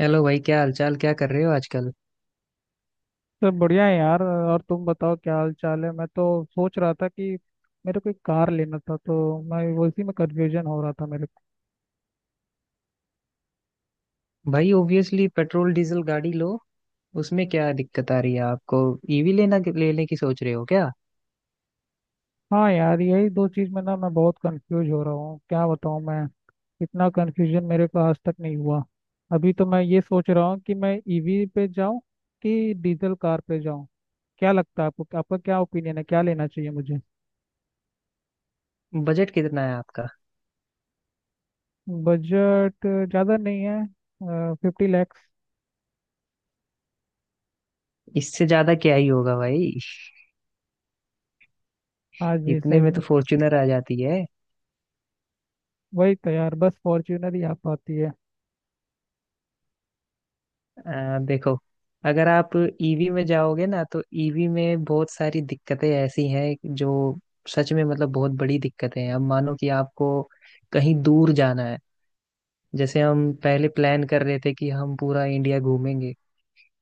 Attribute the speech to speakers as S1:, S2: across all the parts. S1: Hello भाई, क्या हालचाल? क्या कर रहे हो आजकल?
S2: सब बढ़िया है यार। और तुम बताओ, क्या हाल चाल है? मैं तो सोच रहा था कि मेरे को एक कार लेना था, तो मैं वो इसी में कंफ्यूजन हो रहा था मेरे को।
S1: भाई, ऑब्वियसली पेट्रोल डीजल गाड़ी लो। उसमें क्या दिक्कत आ रही है आपको? ईवी लेना लेने की सोच रहे हो क्या?
S2: हाँ यार, यही दो चीज़ में ना मैं बहुत कंफ्यूज हो रहा हूँ, क्या बताऊँ मैं। इतना कंफ्यूजन मेरे को आज तक नहीं हुआ। अभी तो मैं ये सोच रहा हूँ कि मैं ईवी पे जाऊँ कि डीजल कार पे जाऊँ। क्या लगता है आपको, आपका क्या ओपिनियन है, क्या लेना चाहिए मुझे?
S1: बजट कितना है आपका?
S2: बजट ज़्यादा नहीं है। फिफ्टी लैक्स।
S1: इससे ज्यादा क्या ही होगा भाई।
S2: हाँ जी,
S1: इतने
S2: सही
S1: में तो
S2: बात।
S1: फॉर्च्यूनर आ जाती है।
S2: वही तो यार, बस फॉर्च्यूनर ही आ पाती है।
S1: देखो, अगर आप ईवी में जाओगे ना तो ईवी में बहुत सारी दिक्कतें ऐसी हैं जो सच में, मतलब, बहुत बड़ी दिक्कतें हैं। अब मानो कि आपको कहीं दूर जाना है। जैसे हम पहले प्लान कर रहे थे कि हम पूरा इंडिया घूमेंगे,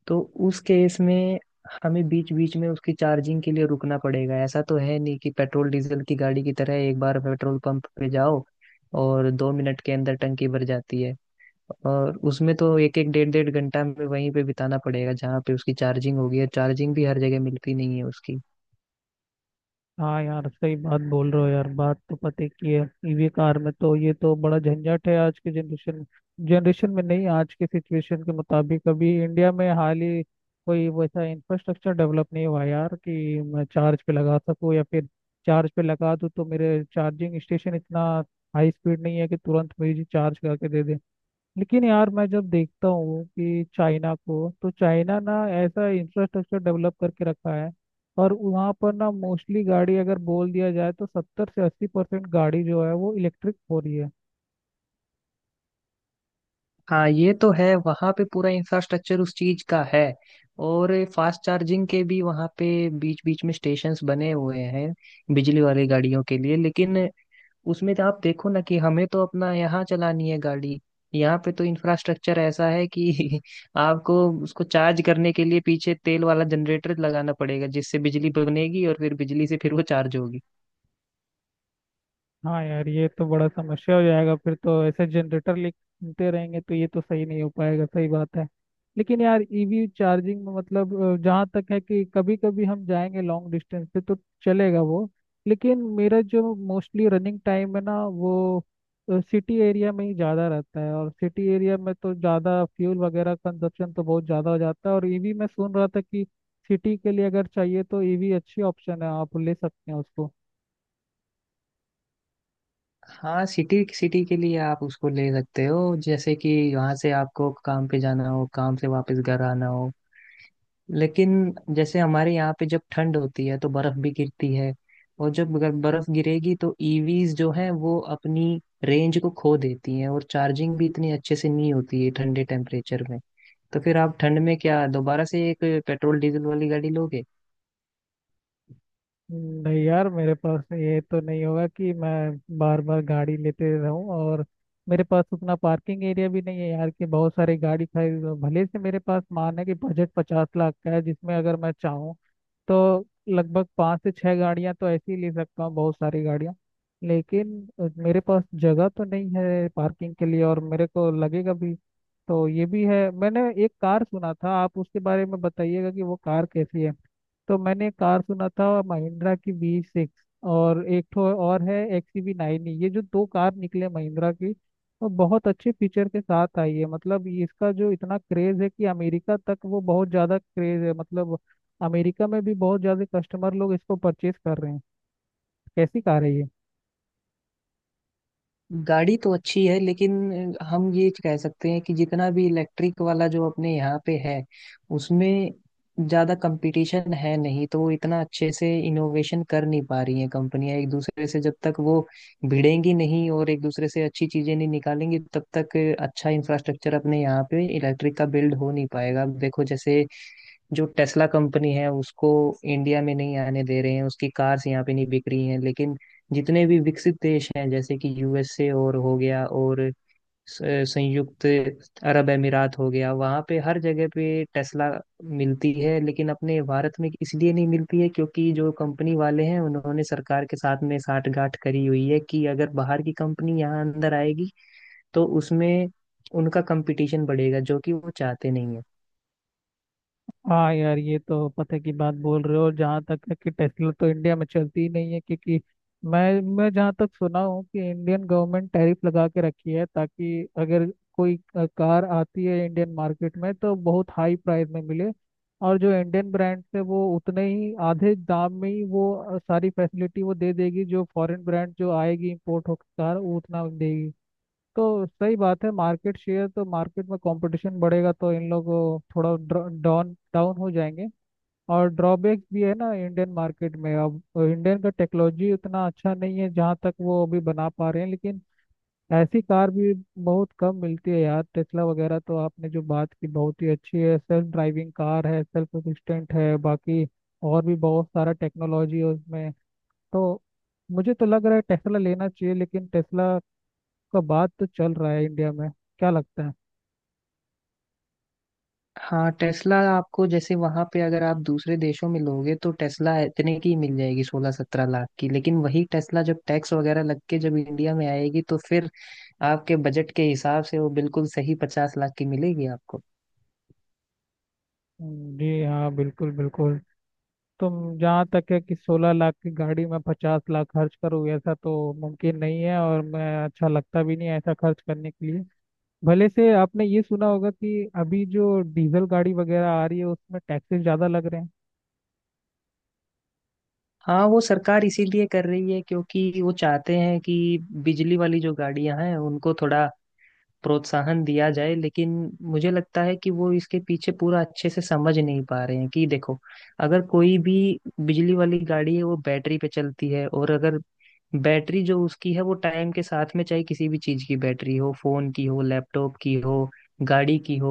S1: तो उस केस में हमें बीच बीच में उसकी चार्जिंग के लिए रुकना पड़ेगा। ऐसा तो है नहीं कि पेट्रोल डीजल की गाड़ी की तरह एक बार पेट्रोल पंप पे जाओ और 2 मिनट के अंदर टंकी भर जाती है। और उसमें तो एक एक डेढ़ डेढ़ घंटा में वहीं पे बिताना पड़ेगा जहाँ पे उसकी चार्जिंग होगी। और चार्जिंग भी हर जगह मिलती नहीं है उसकी।
S2: हाँ यार, सही बात बोल रहे हो यार, बात तो पते की है। ईवी कार में तो ये तो बड़ा झंझट है आज के जनरेशन में। जनरेशन में नहीं, आज के सिचुएशन के मुताबिक अभी इंडिया में हाल ही कोई वैसा इंफ्रास्ट्रक्चर डेवलप नहीं हुआ यार कि मैं चार्ज पे लगा सकूँ, या फिर चार्ज पे लगा दूँ तो मेरे चार्जिंग स्टेशन इतना हाई स्पीड नहीं है कि तुरंत मुझे चार्ज करके दे दे। लेकिन यार, मैं जब देखता हूँ कि चाइना को, तो चाइना ना ऐसा इंफ्रास्ट्रक्चर डेवलप करके रखा है, और वहाँ पर ना मोस्टली गाड़ी अगर बोल दिया जाए तो 70-80% गाड़ी जो है वो इलेक्ट्रिक हो रही है।
S1: हाँ, ये तो है, वहाँ पे पूरा इंफ्रास्ट्रक्चर उस चीज का है। और फास्ट चार्जिंग के भी वहाँ पे बीच बीच में स्टेशंस बने हुए हैं बिजली वाली गाड़ियों के लिए। लेकिन उसमें तो आप देखो ना कि हमें तो अपना यहाँ चलानी है गाड़ी। यहाँ पे तो इंफ्रास्ट्रक्चर ऐसा है कि आपको उसको चार्ज करने के लिए पीछे तेल वाला जनरेटर लगाना पड़ेगा, जिससे बिजली बनेगी और फिर बिजली से फिर वो चार्ज होगी।
S2: हाँ यार, ये तो बड़ा समस्या हो जाएगा, फिर तो ऐसे जनरेटर लेते रहेंगे तो ये तो सही नहीं हो पाएगा, सही बात है। लेकिन यार, ईवी चार्जिंग में मतलब जहाँ तक है कि कभी कभी हम जाएंगे लॉन्ग डिस्टेंस पे तो चलेगा वो। लेकिन मेरा जो मोस्टली रनिंग टाइम है ना, वो सिटी एरिया में ही ज़्यादा रहता है, और सिटी एरिया में तो ज़्यादा फ्यूल वगैरह कंजप्शन तो बहुत ज़्यादा हो जाता है। और ईवी मैं सुन रहा था कि सिटी के लिए अगर चाहिए तो ईवी अच्छी ऑप्शन है, आप ले सकते हैं उसको।
S1: हाँ, सिटी सिटी के लिए आप उसको ले सकते हो। जैसे कि वहाँ से आपको काम पे जाना हो, काम से वापस घर आना हो। लेकिन जैसे हमारे यहाँ पे जब ठंड होती है तो बर्फ भी गिरती है। और जब अगर बर्फ गिरेगी तो ईवीज जो है वो अपनी रेंज को खो देती हैं और चार्जिंग भी इतनी अच्छे से नहीं होती है ठंडे टेम्परेचर में। तो फिर आप ठंड में क्या दोबारा से एक पेट्रोल डीजल वाली गाड़ी लोगे?
S2: नहीं यार, मेरे पास ये तो नहीं होगा कि मैं बार बार गाड़ी लेते रहूं, और मेरे पास उतना पार्किंग एरिया भी नहीं है यार कि बहुत सारी गाड़ी खरीद लूं। भले से मेरे पास मान है कि बजट 50 लाख का है, जिसमें अगर मैं चाहूँ तो लगभग पाँच से छह गाड़ियां तो ऐसी ही ले सकता हूँ, बहुत सारी गाड़ियां। लेकिन मेरे पास जगह तो नहीं है पार्किंग के लिए, और मेरे को लगेगा भी तो ये भी है। मैंने एक कार सुना था, आप उसके बारे में बताइएगा कि वो कार कैसी है। तो मैंने कार सुना था महिंद्रा की वी सिक्स, और एक ठो और है एक्स वी नाइन। ये जो दो कार निकले महिंद्रा की, वो बहुत अच्छे फीचर के साथ आई है। मतलब ये, इसका जो इतना क्रेज है कि अमेरिका तक वो बहुत ज़्यादा क्रेज है, मतलब अमेरिका में भी बहुत ज़्यादा कस्टमर लोग इसको परचेज कर रहे हैं। कैसी कार है ये?
S1: गाड़ी तो अच्छी है, लेकिन हम ये कह सकते हैं कि जितना भी इलेक्ट्रिक वाला जो अपने यहाँ पे है, उसमें ज्यादा कंपटीशन है नहीं, तो वो इतना अच्छे से इनोवेशन कर नहीं पा रही हैं कंपनियां। एक दूसरे से जब तक वो भिड़ेंगी नहीं और एक दूसरे से अच्छी चीजें नहीं निकालेंगी, तब तक अच्छा इंफ्रास्ट्रक्चर अपने यहाँ पे इलेक्ट्रिक का बिल्ड हो नहीं पाएगा। अब देखो, जैसे जो टेस्ला कंपनी है उसको इंडिया में नहीं आने दे रहे हैं, उसकी कार्स यहाँ पे नहीं बिक रही हैं। लेकिन जितने भी विकसित देश हैं, जैसे कि यूएसए और हो गया, और संयुक्त अरब अमीरात हो गया, वहाँ पे हर जगह पे टेस्ला मिलती है। लेकिन अपने भारत में इसलिए नहीं मिलती है क्योंकि जो कंपनी वाले हैं उन्होंने सरकार के साथ में साठगांठ करी हुई है कि अगर बाहर की कंपनी यहाँ अंदर आएगी तो उसमें उनका कंपटीशन बढ़ेगा, जो कि वो चाहते नहीं है।
S2: हाँ यार, ये तो पते की बात बोल रहे हो। जहाँ तक है कि टेस्ला तो इंडिया में चलती ही नहीं है, क्योंकि मैं जहाँ तक सुना हूँ कि इंडियन गवर्नमेंट टैरिफ लगा के रखी है, ताकि अगर कोई कार आती है इंडियन मार्केट में तो बहुत हाई प्राइस में मिले, और जो इंडियन ब्रांड है वो उतने ही आधे दाम में ही वो सारी फैसिलिटी वो दे देगी जो फॉरेन ब्रांड जो आएगी इम्पोर्ट होकर कार वो उतना देगी। तो सही बात है, मार्केट शेयर तो मार्केट में कंपटीशन बढ़ेगा तो इन लोग को थोड़ा डाउन डाउन हो जाएंगे। और ड्रॉबैक भी है ना इंडियन मार्केट में। अब इंडियन का टेक्नोलॉजी उतना अच्छा नहीं है जहाँ तक वो अभी बना पा रहे हैं, लेकिन ऐसी कार भी बहुत कम मिलती है यार। टेस्ला वगैरह तो आपने जो बात की बहुत ही अच्छी है, सेल्फ ड्राइविंग कार है, सेल्फ असिस्टेंट है, बाकी और भी बहुत सारा टेक्नोलॉजी है उसमें। तो मुझे तो लग रहा है टेस्ला लेना चाहिए, लेकिन टेस्ला का बात तो चल रहा है इंडिया में, क्या लगता है?
S1: हाँ, टेस्ला आपको, जैसे वहां पे अगर आप दूसरे देशों में लोगे, तो टेस्ला इतने की मिल जाएगी, 16-17 लाख की। लेकिन वही टेस्ला जब टैक्स वगैरह लग के जब इंडिया में आएगी तो फिर आपके बजट के हिसाब से वो बिल्कुल सही 50 लाख की मिलेगी आपको।
S2: जी हाँ, बिल्कुल बिल्कुल। तुम जहाँ तक है कि 16 लाख की गाड़ी में 50 लाख खर्च करूँ ऐसा तो मुमकिन नहीं है, और मैं अच्छा लगता भी नहीं है ऐसा खर्च करने के लिए। भले से आपने ये सुना होगा कि अभी जो डीजल गाड़ी वगैरह आ रही है उसमें टैक्सेस ज़्यादा लग रहे हैं।
S1: हाँ, वो सरकार इसीलिए कर रही है क्योंकि वो चाहते हैं कि बिजली वाली जो गाड़ियां हैं उनको थोड़ा प्रोत्साहन दिया जाए। लेकिन मुझे लगता है कि वो इसके पीछे पूरा अच्छे से समझ नहीं पा रहे हैं कि देखो, अगर कोई भी बिजली वाली गाड़ी है वो बैटरी पे चलती है। और अगर बैटरी जो उसकी है वो टाइम के साथ में, चाहे किसी भी चीज की बैटरी हो, फोन की हो, लैपटॉप की हो, गाड़ी की हो,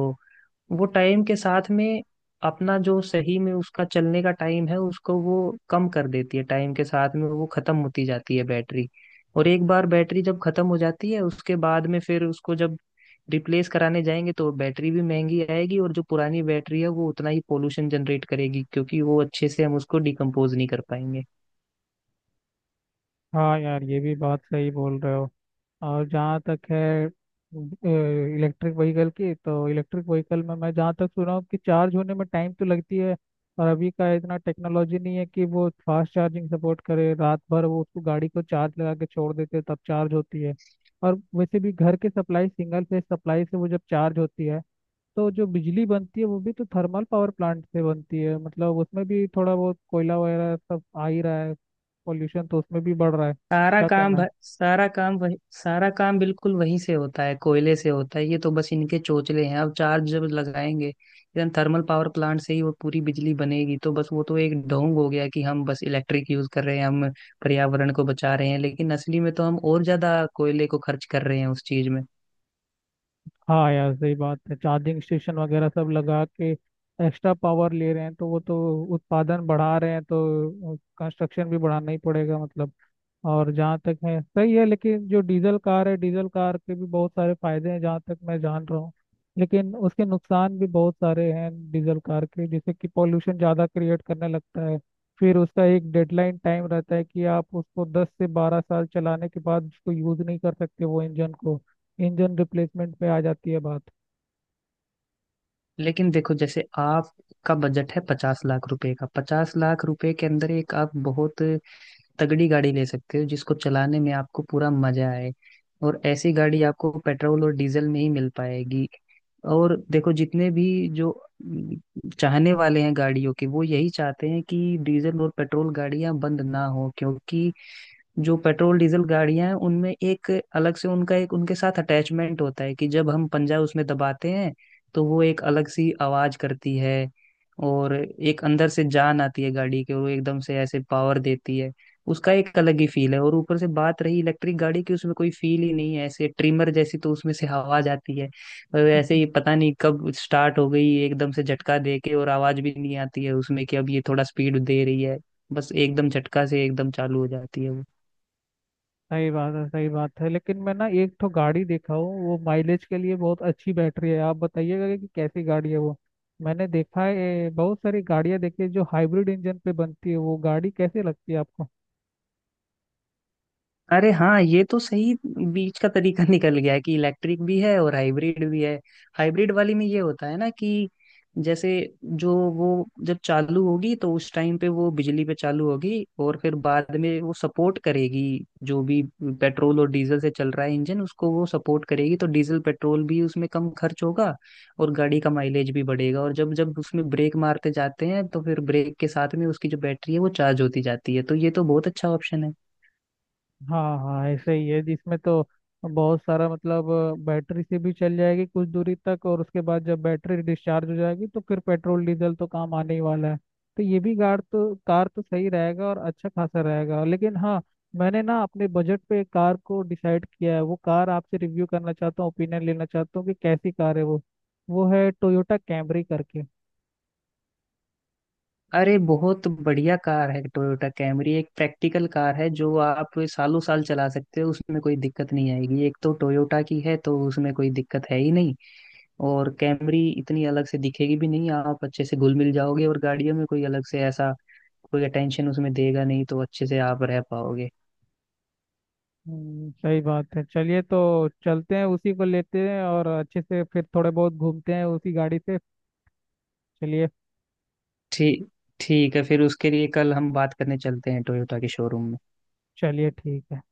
S1: वो टाइम के साथ में अपना जो सही में उसका चलने का टाइम है उसको वो कम कर देती है। टाइम के साथ में वो खत्म होती जाती है बैटरी। और एक बार बैटरी जब खत्म हो जाती है, उसके बाद में फिर उसको जब रिप्लेस कराने जाएंगे तो बैटरी भी महंगी आएगी। और जो पुरानी बैटरी है वो उतना ही पोल्यूशन जनरेट करेगी क्योंकि वो अच्छे से हम उसको डिकम्पोज नहीं कर पाएंगे।
S2: हाँ यार, ये भी बात सही बोल रहे हो। और जहाँ तक है इलेक्ट्रिक व्हीकल की, तो इलेक्ट्रिक व्हीकल में मैं जहाँ तक सुना हूँ कि चार्ज होने में टाइम तो लगती है, और अभी का इतना टेक्नोलॉजी नहीं है कि वो फास्ट चार्जिंग सपोर्ट करे। रात भर वो उसको गाड़ी को चार्ज लगा के छोड़ देते हैं, तब चार्ज होती है। और वैसे भी घर के सप्लाई सिंगल फेज सप्लाई से वो जब चार्ज होती है, तो जो बिजली बनती है वो भी तो थर्मल पावर प्लांट से बनती है, मतलब उसमें भी थोड़ा बहुत कोयला वगैरह सब आ ही रहा है। पॉल्यूशन तो उसमें भी बढ़ रहा है, क्या कहना है।
S1: सारा काम बिल्कुल वहीं से होता है, कोयले से होता है। ये तो बस इनके चोचले हैं। अब चार्ज जब लगाएंगे, इधर थर्मल पावर प्लांट से ही वो पूरी बिजली बनेगी, तो बस वो तो एक ढोंग हो गया कि हम बस इलेक्ट्रिक यूज कर रहे हैं, हम पर्यावरण को बचा रहे हैं। लेकिन असली में तो हम और ज्यादा कोयले को खर्च कर रहे हैं उस चीज में।
S2: हाँ यार, सही बात है। चार्जिंग स्टेशन वगैरह सब लगा के एक्स्ट्रा पावर ले रहे हैं तो वो तो उत्पादन बढ़ा रहे हैं, तो कंस्ट्रक्शन भी बढ़ाना ही पड़ेगा मतलब। और जहाँ तक है सही है, लेकिन जो डीजल कार है, डीजल कार के भी बहुत सारे फायदे हैं जहाँ तक मैं जान रहा हूँ, लेकिन उसके नुकसान भी बहुत सारे हैं डीजल कार के, जैसे कि पॉल्यूशन ज़्यादा क्रिएट करने लगता है, फिर उसका एक डेडलाइन टाइम रहता है कि आप उसको 10 से 12 साल चलाने के बाद उसको यूज़ नहीं कर सकते वो इंजन को, इंजन रिप्लेसमेंट पे आ जाती है बात।
S1: लेकिन देखो, जैसे आपका बजट है 50 लाख रुपए का, 50 लाख रुपए के अंदर एक आप बहुत तगड़ी गाड़ी ले सकते हो जिसको चलाने में आपको पूरा मजा आए। और ऐसी गाड़ी आपको पेट्रोल और डीजल में ही मिल पाएगी। और देखो, जितने भी जो चाहने वाले हैं गाड़ियों के, वो यही चाहते हैं कि डीजल और पेट्रोल गाड़ियां बंद ना हो। क्योंकि जो पेट्रोल डीजल गाड़ियां हैं उनमें एक अलग से उनका, एक उनके साथ अटैचमेंट होता है कि जब हम पंजा उसमें दबाते हैं तो वो एक अलग सी आवाज करती है। और एक अंदर से जान आती है गाड़ी के, वो एकदम से ऐसे पावर देती है। उसका एक अलग ही फील है। और ऊपर से बात रही इलेक्ट्रिक गाड़ी की, उसमें कोई फील ही नहीं है। ऐसे ट्रिमर जैसी तो उसमें से आवाज आती है। और ऐसे ही पता नहीं कब स्टार्ट हो गई, एकदम से झटका दे के, और आवाज भी नहीं आती है उसमें कि अब ये थोड़ा स्पीड दे रही है। बस एकदम झटका से एकदम चालू हो जाती है वो।
S2: सही बात है, सही बात है। लेकिन मैं ना एक तो गाड़ी देखा हूँ, वो माइलेज के लिए बहुत अच्छी बैटरी है, आप बताइएगा कि कैसी गाड़ी है वो। मैंने देखा है बहुत सारी गाड़ियाँ देखी है जो हाइब्रिड इंजन पे बनती है, वो गाड़ी कैसे लगती है आपको?
S1: अरे हाँ, ये तो सही बीच का तरीका निकल गया है कि इलेक्ट्रिक भी है और हाइब्रिड भी है। हाइब्रिड वाली में ये होता है ना कि जैसे जो वो जब चालू होगी तो उस टाइम पे वो बिजली पे चालू होगी, और फिर बाद में वो सपोर्ट करेगी जो भी पेट्रोल और डीजल से चल रहा है इंजन, उसको वो सपोर्ट करेगी। तो डीजल पेट्रोल भी उसमें कम खर्च होगा और गाड़ी का माइलेज भी बढ़ेगा। और जब जब उसमें ब्रेक मारते जाते हैं तो फिर ब्रेक के साथ में उसकी जो बैटरी है वो चार्ज होती जाती है। तो ये तो बहुत अच्छा ऑप्शन है।
S2: हाँ हाँ, ऐसे ही है जिसमें तो बहुत सारा मतलब बैटरी से भी चल जाएगी कुछ दूरी तक, और उसके बाद जब बैटरी डिस्चार्ज हो जाएगी तो फिर पेट्रोल डीजल तो काम आने ही वाला है। तो ये भी कार तो सही रहेगा और अच्छा खासा रहेगा, लेकिन हाँ, मैंने ना अपने बजट पे एक कार को डिसाइड किया है, वो कार आपसे रिव्यू करना चाहता हूँ, ओपिनियन लेना चाहता हूँ कि कैसी कार है वो। वो है टोयोटा कैमरी करके।
S1: अरे बहुत बढ़िया कार है टोयोटा कैमरी, एक प्रैक्टिकल कार है जो आप सालों साल चला सकते हो। उसमें कोई दिक्कत नहीं आएगी, एक तो टोयोटा की है तो उसमें कोई दिक्कत है ही नहीं। और कैमरी इतनी अलग से दिखेगी भी नहीं, आप अच्छे से घुल मिल जाओगे, और गाड़ियों में कोई अलग से ऐसा कोई अटेंशन उसमें देगा नहीं, तो अच्छे से आप रह पाओगे।
S2: हम्म, सही बात है। चलिए तो चलते हैं, उसी को लेते हैं, और अच्छे से फिर थोड़े बहुत घूमते हैं उसी गाड़ी से। चलिए।
S1: ठीक। ठीक है, फिर उसके लिए कल हम बात करने चलते हैं टोयोटा के शोरूम में।
S2: चलिए ठीक है।